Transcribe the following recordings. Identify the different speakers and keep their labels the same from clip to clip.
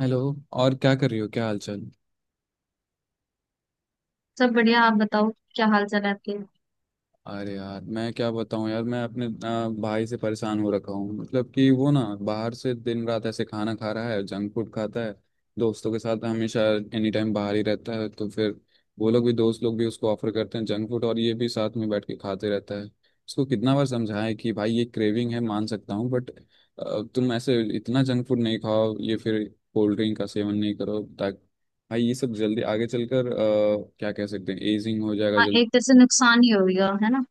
Speaker 1: Hello. और क्या कर रही हो? क्या हाल चाल?
Speaker 2: सब बढ़िया। आप बताओ, क्या हाल चाल है आपके? हाँ,
Speaker 1: अरे यार, मैं क्या बताऊं यार, मैं अपने भाई से परेशान हो रखा हूँ। मतलब कि वो ना बाहर से दिन रात ऐसे खाना खा रहा है, जंक फूड खाता है दोस्तों के साथ हमेशा। एनी टाइम बाहर ही रहता है, तो फिर वो लोग भी, दोस्त लोग भी उसको ऑफर करते हैं जंक फूड, और ये भी साथ में बैठ के खाते रहता है। उसको कितना बार समझाएं कि भाई ये क्रेविंग है मान सकता हूँ, बट तुम ऐसे इतना जंक फूड नहीं खाओ, ये फिर कोल्ड ड्रिंक का सेवन नहीं करो, ताकि भाई ये सब जल्दी आगे चलकर क्या कह सकते हैं, एजिंग हो जाएगा।
Speaker 2: एक तरह से नुकसान ही हो गया है ना।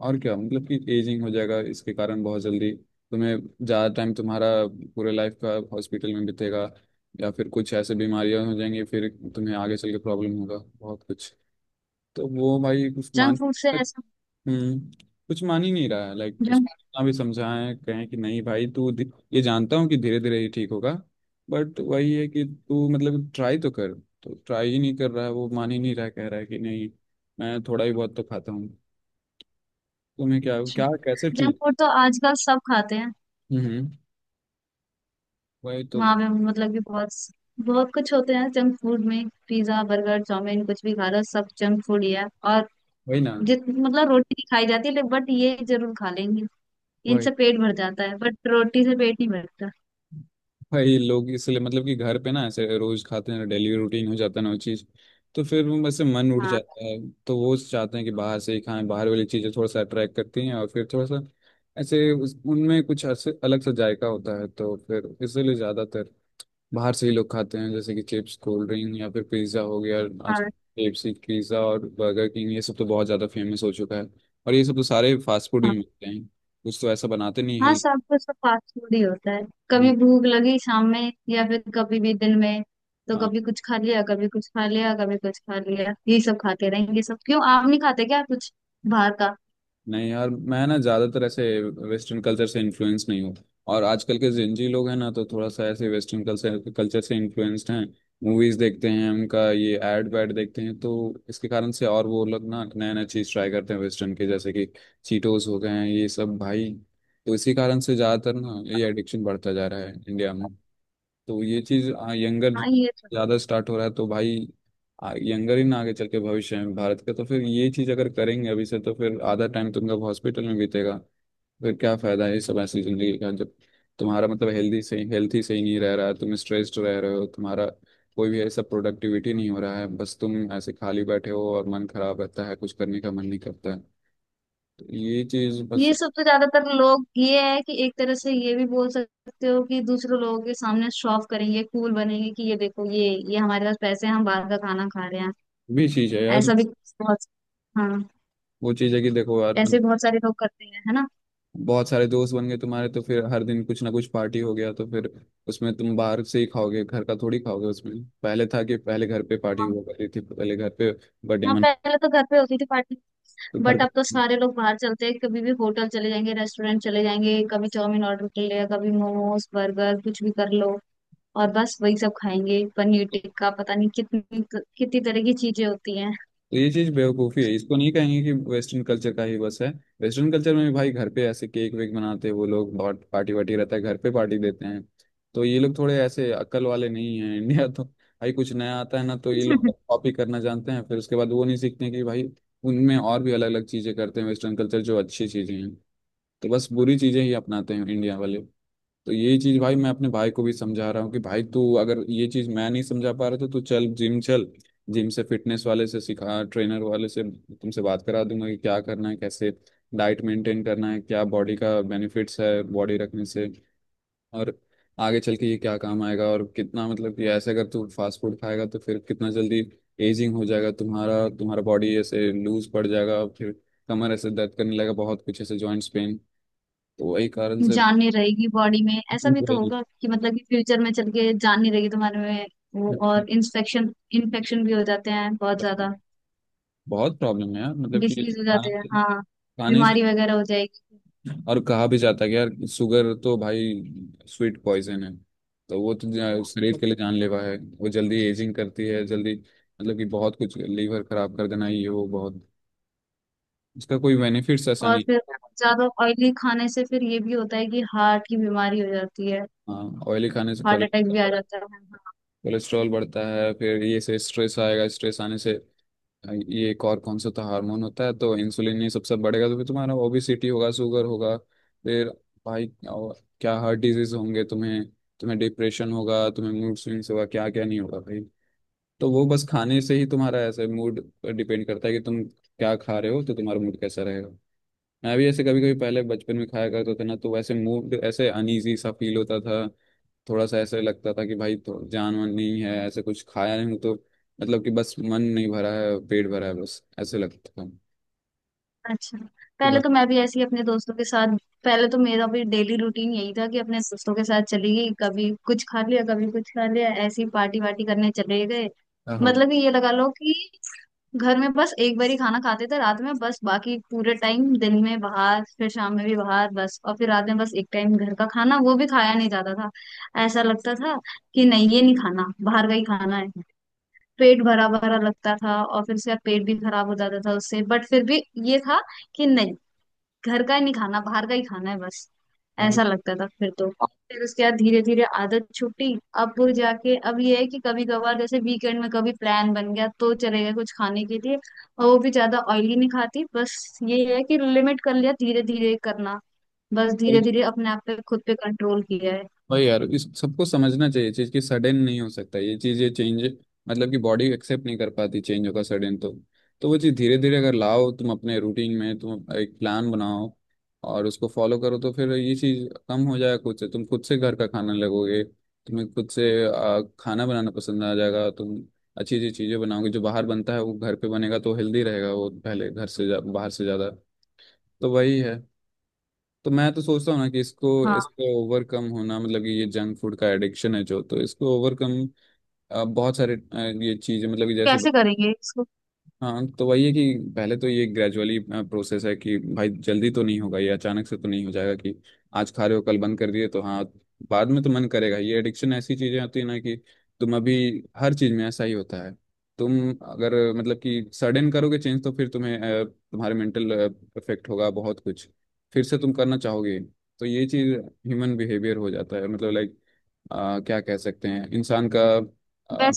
Speaker 1: और क्या, मतलब कि एजिंग हो जाएगा इसके कारण बहुत जल्दी। तुम्हें ज़्यादा टाइम तुम्हारा, पूरे लाइफ का हॉस्पिटल में बीतेगा, या फिर कुछ ऐसे बीमारियां हो जाएंगी फिर। तुम्हें आगे चल के प्रॉब्लम होगा बहुत कुछ। तो वो भाई कुछ
Speaker 2: जंक
Speaker 1: मान।
Speaker 2: फूड से ऐसा?
Speaker 1: हम्म। कुछ मान ही नहीं रहा है, लाइक उसको
Speaker 2: जंक
Speaker 1: कितना भी समझाएं, कहें कि नहीं भाई तू ये जानता हूँ कि धीरे धीरे ही ठीक होगा, बट वही है कि तू मतलब ट्राई तो कर। तो ट्राई ही नहीं कर रहा है, वो मान ही नहीं रहा है, कह रहा है कि नहीं मैं थोड़ा ही बहुत तो खाता हूँ, तुम्हें क्या क्या, कैसे
Speaker 2: जंक
Speaker 1: ठीक?
Speaker 2: फूड तो आजकल सब खाते हैं।
Speaker 1: हम्म। वही तो।
Speaker 2: वहां पे मतलब कि बहुत बहुत कुछ होते हैं जंक फूड में। पिज्जा, बर्गर, चाउमीन, कुछ भी खा लो, सब जंक फूड ही है। और
Speaker 1: वही ना।
Speaker 2: जित मतलब रोटी नहीं खाई जाती है बट ये जरूर खा लेंगे।
Speaker 1: वही।
Speaker 2: इनसे पेट भर जाता है बट रोटी से पेट नहीं भरता।
Speaker 1: भाई लोग इसलिए मतलब कि घर पे ना ऐसे रोज खाते हैं, डेली रूटीन हो जाता है ना वो चीज, तो फिर वो वैसे मन उठ
Speaker 2: हाँ।
Speaker 1: जाता है। तो वो चाहते हैं कि बाहर से ही खाएं। बाहर वाली चीजें थोड़ा सा अट्रैक्ट करती हैं, और फिर थोड़ा सा ऐसे उनमें कुछ ऐसे अलग सा जायका होता है, तो फिर इसलिए ज्यादातर बाहर से ही लोग खाते हैं, जैसे कि चिप्स, कोल्ड ड्रिंक, या फिर पिज्ज़ा हो गया। आज
Speaker 2: हाँ।
Speaker 1: केएफसी, पिज्ज़ा और बर्गर किंग ये सब तो बहुत ज़्यादा फेमस हो चुका है। और ये सब तो सारे फास्ट फूड ही
Speaker 2: हाँ।
Speaker 1: मिलते हैं, कुछ तो ऐसा बनाते नहीं।
Speaker 2: हाँ, सब कुछ तो फास्ट फूड ही होता है। कभी
Speaker 1: हेल्थ।
Speaker 2: भूख लगी शाम में या फिर कभी भी दिन में तो कभी कुछ खा लिया, कभी कुछ खा लिया, कभी कुछ खा लिया, ये सब खाते रहेंगे। सब क्यों, आप नहीं खाते क्या कुछ बाहर का?
Speaker 1: नहीं यार, मैं ना ज्यादातर ऐसे वेस्टर्न कल्चर से इन्फ्लुएंस नहीं हूँ। और आजकल के जिंजी लोग हैं ना, तो थोड़ा सा ऐसे वेस्टर्न कल्चर कल्चर से इन्फ्लुएंस्ड हैं। मूवीज देखते हैं, उनका ये एड वैड देखते हैं, तो इसके कारण से। और वो लोग ना नया नया चीज ट्राई करते हैं वेस्टर्न के, जैसे कि चीटोस हो गए हैं ये सब भाई। तो इसी कारण से ज्यादातर ना ये एडिक्शन बढ़ता जा रहा है इंडिया में। तो ये चीज यंगर
Speaker 2: हाँ, ये तो
Speaker 1: ज्यादा स्टार्ट हो रहा है तो भाई, यंगर ही ना आगे चल के भविष्य में भारत का, तो फिर ये चीज अगर करेंगे अभी से, तो फिर आधा टाइम तुमका हॉस्पिटल में बीतेगा। फिर क्या फायदा है ये सब ऐसी जिंदगी का, जब तुम्हारा मतलब हेल्दी सही, हेल्थी सही नहीं रह रहा है, तुम स्ट्रेस्ड रह रहे हो, तुम्हारा कोई भी ऐसा प्रोडक्टिविटी नहीं हो रहा है, बस तुम ऐसे खाली बैठे हो और मन खराब रहता है, कुछ करने का मन नहीं करता है। तो ये चीज बस।
Speaker 2: ये सब तो ज्यादातर लोग ये है कि एक तरह से ये भी बोल सकते हो कि दूसरे लोगों के सामने शो ऑफ करेंगे, कूल बनेंगे कि ये देखो, ये हमारे पास पैसे हैं, हम बाहर का खाना खा रहे हैं।
Speaker 1: भी चीज है यार।
Speaker 2: ऐसा भी बहुत। हाँ,
Speaker 1: वो चीज है कि देखो यार,
Speaker 2: ऐसे बहुत सारे लोग करते हैं, है ना।
Speaker 1: बहुत सारे दोस्त बन गए तुम्हारे, तो फिर हर दिन कुछ ना कुछ पार्टी हो गया, तो फिर उसमें तुम बाहर से ही खाओगे, घर का थोड़ी खाओगे। उसमें पहले था कि पहले घर पे पार्टी
Speaker 2: हाँ,
Speaker 1: हुआ करती थी, पहले घर पे बर्थडे
Speaker 2: हाँ,
Speaker 1: मना।
Speaker 2: पहले तो घर पे होती थी पार्टी।
Speaker 1: तो घर
Speaker 2: बट
Speaker 1: का।
Speaker 2: अब तो सारे लोग बाहर चलते हैं। कभी भी होटल चले जाएंगे, रेस्टोरेंट चले जाएंगे, कभी चाउमीन ऑर्डर कर लिया, कभी मोमोज, बर्गर, कुछ भी कर लो। और बस वही सब खाएंगे, पनीर टिक्का, पता नहीं कितनी कितनी तरह की चीजें होती हैं।
Speaker 1: तो ये चीज बेवकूफ़ी है, इसको नहीं कहेंगे कि वेस्टर्न कल्चर का ही बस है। वेस्टर्न कल्चर में भी भाई घर पे ऐसे केक वेक बनाते हैं वो लोग, बहुत पार्टी वार्टी रहता है, घर पे पार्टी देते हैं। तो ये लोग थोड़े ऐसे अक्ल वाले नहीं हैं इंडिया। तो भाई कुछ नया आता है ना, तो ये लोग कॉपी करना जानते हैं, फिर उसके बाद वो नहीं सीखते कि भाई उनमें और भी अलग अलग चीजें करते हैं वेस्टर्न कल्चर, जो अच्छी चीजें हैं। तो बस बुरी चीजें ही अपनाते हैं इंडिया वाले। तो यही चीज भाई मैं अपने भाई को भी समझा रहा हूँ कि भाई तू अगर ये चीज मैं नहीं समझा पा रहा था, तो चल जिम चल। जिम से फिटनेस वाले से सिखा, ट्रेनर वाले से तुमसे बात करा दूंगा कि क्या करना है, कैसे डाइट मेंटेन करना है, क्या बॉडी का बेनिफिट्स है बॉडी रखने से, और आगे चल के ये क्या काम आएगा। और कितना, मतलब कि ऐसे अगर तू फास्ट फूड खाएगा, तो फिर कितना जल्दी एजिंग हो जाएगा तुम्हारा तुम्हारा बॉडी ऐसे लूज पड़ जाएगा, फिर कमर ऐसे दर्द करने लगेगा, बहुत कुछ ऐसे जॉइंट्स पेन। तो वही कारण
Speaker 2: जान नहीं रहेगी बॉडी में। ऐसा भी तो होगा कि मतलब कि फ्यूचर में चल के जान नहीं रहेगी तुम्हारे में। वो
Speaker 1: से।
Speaker 2: और इंफेक्शन इन्फेक्शन भी हो जाते हैं बहुत ज्यादा।
Speaker 1: बहुत प्रॉब्लम है यार, मतलब कि
Speaker 2: डिसीज हो
Speaker 1: खाना
Speaker 2: जाते हैं, हाँ।
Speaker 1: खाने ही-
Speaker 2: बीमारी वगैरह हो जाएगी।
Speaker 1: और कहा भी जाता है कि यार शुगर तो भाई स्वीट पॉइजन है। तो वो तो शरीर के लिए जानलेवा है। वो जल्दी एजिंग करती है, जल्दी मतलब कि बहुत कुछ, लीवर खराब कर देना, ये वो बहुत। इसका कोई बेनिफिट्स ऐसा
Speaker 2: और
Speaker 1: नहीं।
Speaker 2: फिर ज्यादा ऑयली खाने से फिर ये भी होता है कि हार्ट की बीमारी हो जाती है।
Speaker 1: हाँ, ऑयली खाने से
Speaker 2: हार्ट अटैक भी आ
Speaker 1: कोलेस्ट्रॉल
Speaker 2: जाता है।
Speaker 1: बढ़ता है, फिर ये से स्ट्रेस आएगा, स्ट्रेस आने से ये एक और कौन सा तो हार्मोन होता है, तो इंसुलिन ये सबसे बढ़ेगा। तो फिर तुम्हारा ओबेसिटी होगा, शुगर होगा, फिर भाई और क्या, हार्ट डिजीज होंगे तुम्हें, तुम्हें डिप्रेशन होगा, तुम्हें मूड स्विंग्स होगा, क्या क्या नहीं होगा भाई। तो वो बस खाने से ही तुम्हारा ऐसे मूड पर डिपेंड करता है कि तुम क्या खा रहे हो, तो तुम्हारा मूड कैसा रहेगा। मैं भी ऐसे कभी कभी पहले बचपन में खाया करता था ना, तो वैसे मूड ऐसे अनईजी सा फील होता था। थोड़ा सा ऐसे लगता था कि भाई तो जान वान नहीं है, ऐसे कुछ खाया नहीं हूं, तो मतलब कि बस मन नहीं भरा है, पेट भरा है, बस ऐसे लगता था।
Speaker 2: अच्छा,
Speaker 1: तो
Speaker 2: पहले
Speaker 1: घर-
Speaker 2: तो मैं भी ऐसी अपने दोस्तों के साथ, पहले तो मेरा भी डेली रूटीन यही था कि अपने दोस्तों के साथ चली गई, कभी कुछ खा लिया, कभी कुछ खा लिया, ऐसी पार्टी वार्टी करने चले गए।
Speaker 1: हाँ, हाँ,
Speaker 2: मतलब कि ये लगा लो कि घर में बस एक बार ही खाना खाते थे रात में बस, बाकी पूरे टाइम दिन में बाहर, फिर शाम में भी बाहर बस, और फिर रात में बस एक टाइम घर का खाना, वो भी खाया नहीं जाता था। ऐसा लगता था कि नहीं ये नहीं खाना, बाहर का ही खाना है। पेट भरा भरा लगता था और फिर उसके बाद पेट भी खराब हो जाता था उससे, बट फिर भी ये था कि नहीं, घर का ही नहीं खाना, बाहर का ही खाना है बस। ऐसा लगता था। फिर तो फिर उसके बाद धीरे धीरे आदत छूटी। अब वो जाके अब ये है कि कभी कभार जैसे वीकेंड में कभी प्लान बन गया तो चले गए कुछ खाने के लिए, और वो भी ज्यादा ऑयली नहीं खाती। बस ये है कि लिमिट कर लिया, धीरे धीरे करना। बस
Speaker 1: हाँ।
Speaker 2: धीरे धीरे अपने आप पे, खुद पे कंट्रोल किया है।
Speaker 1: वही यार, इस सबको समझना चाहिए चीज कि सडन नहीं हो सकता ये चीज ये चेंज। मतलब कि बॉडी एक्सेप्ट नहीं कर पाती चेंज होगा सडन तो। तो वो चीज धीरे धीरे अगर लाओ तुम अपने रूटीन में, तुम एक प्लान बनाओ और उसको फॉलो करो, तो फिर ये चीज कम हो जाएगा खुद से। तुम खुद से घर का खाना लगोगे, तुम्हें खुद से खाना बनाना पसंद आ जाएगा। तुम अच्छी अच्छी चीजें बनाओगे, जो बाहर बनता है वो घर पे बनेगा तो हेल्दी रहेगा, वो पहले घर से बाहर से ज्यादा। तो वही है। तो मैं तो सोचता हूँ ना कि इसको
Speaker 2: हाँ,
Speaker 1: इसको ओवरकम होना, मतलब कि ये जंक फूड का एडिक्शन है जो, तो इसको ओवरकम बहुत सारे ये चीजें, मतलब कि जैसे।
Speaker 2: कैसे करेंगे इसको?
Speaker 1: हाँ, तो वही है कि पहले तो ये ग्रेजुअली प्रोसेस है कि भाई जल्दी तो नहीं होगा, ये अचानक से तो नहीं हो जाएगा कि आज खा रहे हो कल बंद कर दिए, तो हाँ बाद में तो मन करेगा। ये एडिक्शन ऐसी चीजें होती है ना कि तुम अभी, हर चीज में ऐसा ही होता है। तुम अगर मतलब कि सडन करोगे चेंज, तो फिर तुम्हें तुम्हारे मेंटल इफेक्ट होगा बहुत कुछ, फिर से तुम करना चाहोगे। तो ये चीज ह्यूमन बिहेवियर हो जाता है, मतलब लाइक क्या कह सकते हैं इंसान का। अ,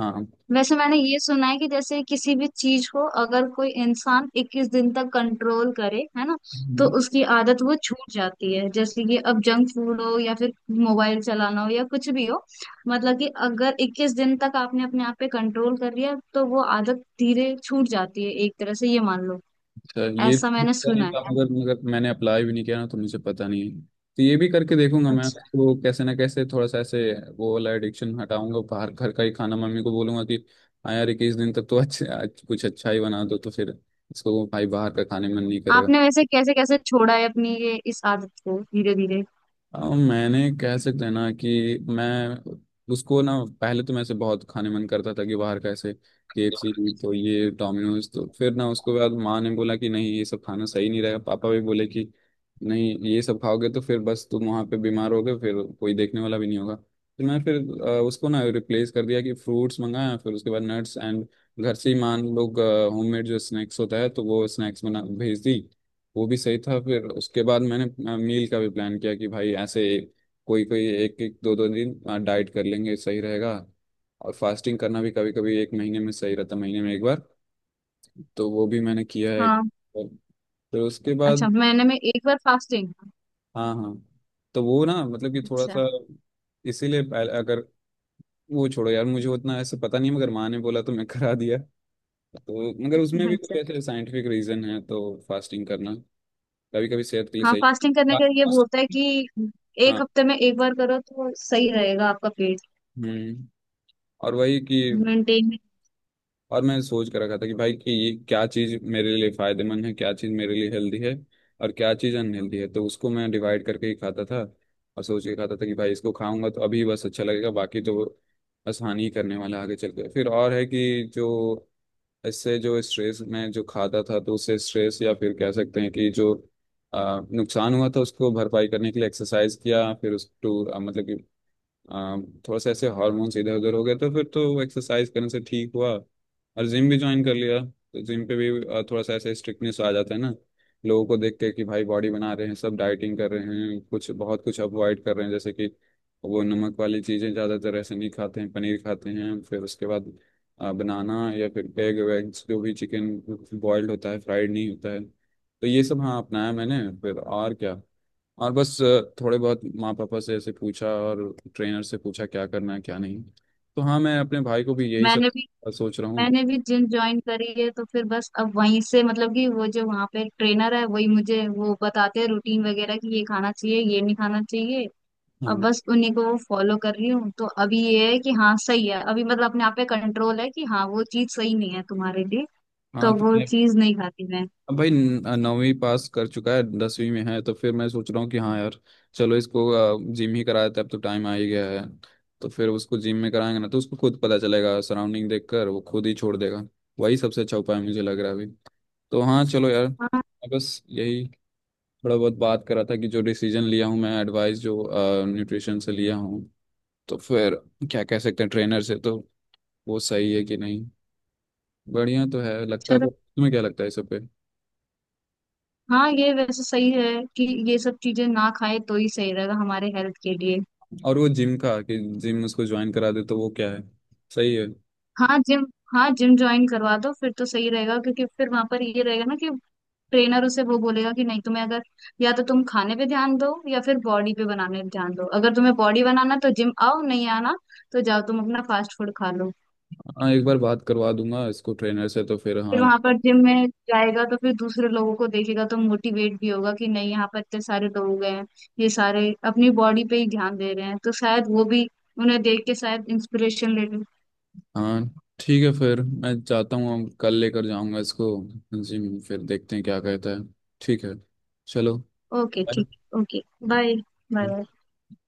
Speaker 1: हाँ।
Speaker 2: वैसे मैंने ये सुना है कि जैसे किसी भी चीज को अगर कोई इंसान 21 दिन तक कंट्रोल करे है ना, तो उसकी आदत वो छूट जाती है। जैसे कि अब जंक फूड हो या फिर मोबाइल चलाना हो या कुछ भी हो, मतलब कि अगर 21 दिन तक आपने अपने आप पे कंट्रोल कर लिया तो वो आदत धीरे छूट जाती है, एक तरह से ये मान लो।
Speaker 1: अच्छा, ये
Speaker 2: ऐसा
Speaker 1: तो
Speaker 2: मैंने
Speaker 1: पता नहीं
Speaker 2: सुना
Speaker 1: था,
Speaker 2: है।
Speaker 1: अगर मगर मैंने अप्लाई भी नहीं किया ना, तो मुझे पता नहीं है। तो ये भी करके देखूंगा मैं
Speaker 2: अच्छा,
Speaker 1: उसको कैसे ना कैसे थोड़ा सा ऐसे वो वाला एडिक्शन हटाऊंगा बाहर, घर का ही खाना मम्मी को बोलूंगा कि हाँ यार, 21 दिन तक तो अच्छे, आज कुछ अच्छा ही बना दो, तो फिर इसको भाई बाहर का खाने मन नहीं करेगा।
Speaker 2: आपने वैसे कैसे कैसे छोड़ा है अपनी ये इस आदत को धीरे धीरे?
Speaker 1: मैंने कह सकते हैं ना कि मैं उसको ना पहले तो मैं से बहुत खाने मन करता था कि बाहर कैसे केएफसी, तो ये डोमिनोज, तो फिर ना उसके बाद माँ ने बोला कि नहीं ये सब खाना सही नहीं रहेगा, पापा भी बोले कि नहीं ये सब खाओगे तो फिर बस तुम वहाँ पे बीमार होगे, फिर कोई देखने वाला भी नहीं होगा। तो मैं फिर उसको ना रिप्लेस कर दिया कि फ्रूट्स मंगाया, फिर उसके बाद नट्स एंड घर से ही मान लोग होममेड जो स्नैक्स होता है, तो वो स्नैक्स बना भेज दी। वो भी सही था, फिर उसके बाद मैंने मील का भी प्लान किया कि भाई ऐसे कोई कोई एक एक दो दो दिन डाइट कर लेंगे सही रहेगा। और फास्टिंग करना भी कभी कभी, एक महीने में सही रहता, महीने में एक बार। तो वो भी मैंने किया है,
Speaker 2: हाँ।
Speaker 1: और फिर उसके
Speaker 2: अच्छा,
Speaker 1: बाद,
Speaker 2: महीने में एक बार फास्टिंग।
Speaker 1: हाँ, हाँ। तो वो ना मतलब कि थोड़ा
Speaker 2: अच्छा।
Speaker 1: सा इसीलिए अगर। वो छोड़ो यार, मुझे उतना ऐसे पता नहीं, मगर माँ ने बोला तो मैं करा दिया। तो मगर उसमें भी कुछ
Speaker 2: अच्छा।
Speaker 1: ऐसे साइंटिफिक रीजन है, तो फास्टिंग करना कभी कभी सेहत के लिए
Speaker 2: हाँ,
Speaker 1: सही।
Speaker 2: फास्टिंग करने का ये वो होता है कि
Speaker 1: हाँ।
Speaker 2: एक हफ्ते में एक बार करो तो सही रहेगा आपका पेट।
Speaker 1: हम्म। और वही कि,
Speaker 2: मेंटेन।
Speaker 1: और मैं सोच कर रखा था कि भाई कि ये क्या चीज मेरे लिए फायदेमंद है, क्या चीज मेरे लिए हेल्दी है, और क्या चीज अनहेल्दी है, तो उसको मैं डिवाइड करके ही खाता था। और सोच के खाता था कि भाई इसको खाऊंगा तो अभी बस अच्छा लगेगा, बाकी तो बस हानि ही करने वाला है आगे चल के। फिर और है कि जो इससे जो स्ट्रेस में जो खाता था तो उससे स्ट्रेस, या फिर कह सकते हैं कि जो नुकसान हुआ था उसको भरपाई करने के लिए एक्सरसाइज किया, फिर उस टू मतलब कि अम, थोड़ा सा ऐसे हार्मोन्स इधर उधर हो गए, तो फिर तो एक्सरसाइज करने से ठीक हुआ। और जिम भी ज्वाइन कर लिया, तो जिम पे भी थोड़ा सा ऐसे स्ट्रिक्टनेस आ जाता है ना, लोगों को देख के कि भाई बॉडी बना रहे हैं सब, डाइटिंग कर रहे हैं, कुछ बहुत कुछ अवॉइड कर रहे हैं, जैसे कि वो नमक वाली चीज़ें ज़्यादातर ऐसे नहीं खाते हैं, पनीर खाते हैं, फिर उसके बाद बनाना, या फिर एग वेग्स, जो भी चिकन बॉइल्ड होता है, फ्राइड नहीं होता है, तो ये सब हाँ अपनाया मैंने, फिर और क्या। और बस थोड़े बहुत माँ पापा से ऐसे पूछा और ट्रेनर से पूछा क्या करना है क्या नहीं। तो हाँ मैं अपने भाई को भी यही सब
Speaker 2: मैंने भी
Speaker 1: सोच रहा हूँ।
Speaker 2: मैंने भी जिम ज्वाइन करी है, तो फिर बस अब वहीं से मतलब कि वो जो वहाँ पे ट्रेनर है वही मुझे वो बताते हैं रूटीन वगैरह कि ये खाना चाहिए, ये नहीं खाना चाहिए। अब
Speaker 1: हाँ,
Speaker 2: बस उन्हीं को वो फॉलो कर रही हूँ, तो अभी ये है कि हाँ सही है। अभी मतलब अपने आप पे कंट्रोल है कि हाँ वो चीज सही नहीं है तुम्हारे लिए,
Speaker 1: हाँ।
Speaker 2: तो
Speaker 1: तो
Speaker 2: वो
Speaker 1: मैं,
Speaker 2: चीज नहीं खाती मैं।
Speaker 1: अब भाई 9वीं पास कर चुका है, 10वीं में है, तो फिर मैं सोच रहा हूँ कि हाँ यार, चलो इसको जिम ही करा देते हैं, अब तो टाइम आ ही गया है। तो फिर उसको जिम में कराएंगे ना, तो उसको खुद पता चलेगा, सराउंडिंग देखकर वो खुद ही छोड़ देगा। वही सबसे अच्छा उपाय मुझे लग रहा है अभी। तो हाँ चलो यार,
Speaker 2: हाँ,
Speaker 1: बस यही। थोड़ा बहुत बात करा था कि जो डिसीजन लिया हूँ, मैं एडवाइस जो न्यूट्रिशन से लिया हूँ, तो फिर क्या कह सकते हैं ट्रेनर से, तो वो सही है कि नहीं, बढ़िया तो है लगता
Speaker 2: चलो।
Speaker 1: तो? तुम्हें क्या लगता है इस सब पे?
Speaker 2: हाँ, ये वैसे सही है कि ये सब चीजें ना खाए तो ही सही रहेगा हमारे हेल्थ के लिए।
Speaker 1: और वो जिम का, कि जिम उसको ज्वाइन करा दे, तो वो क्या है सही है?
Speaker 2: हाँ, जिम। हाँ, जिम ज्वाइन करवा दो फिर, तो सही रहेगा, क्योंकि फिर वहां पर ये रहेगा ना कि ट्रेनर उसे वो बोलेगा कि नहीं तुम्हें अगर, या तो तुम खाने पे ध्यान दो या फिर बॉडी पे बनाने पे ध्यान दो। अगर तुम्हें बॉडी बनाना तो जिम आओ, नहीं आना तो जाओ तुम अपना फास्ट फूड खा लो।
Speaker 1: हाँ, एक बार बात करवा दूंगा इसको ट्रेनर से तो फिर,
Speaker 2: फिर
Speaker 1: हाँ,
Speaker 2: वहां पर जिम में जाएगा तो फिर दूसरे लोगों को देखेगा तो मोटिवेट भी होगा कि नहीं, यहाँ पर इतने सारे लोग हैं, ये सारे अपनी बॉडी पे ही ध्यान दे रहे हैं, तो शायद वो भी उन्हें देख के शायद इंस्पिरेशन ले लें।
Speaker 1: हाँ। ठीक है फिर मैं जाता हूँ, अब कल लेकर जाऊंगा इसको जिम, फिर देखते हैं क्या कहता है। ठीक है। चलो।
Speaker 2: ओके, ठीक,
Speaker 1: बाय।
Speaker 2: ओके। बाय। बाय।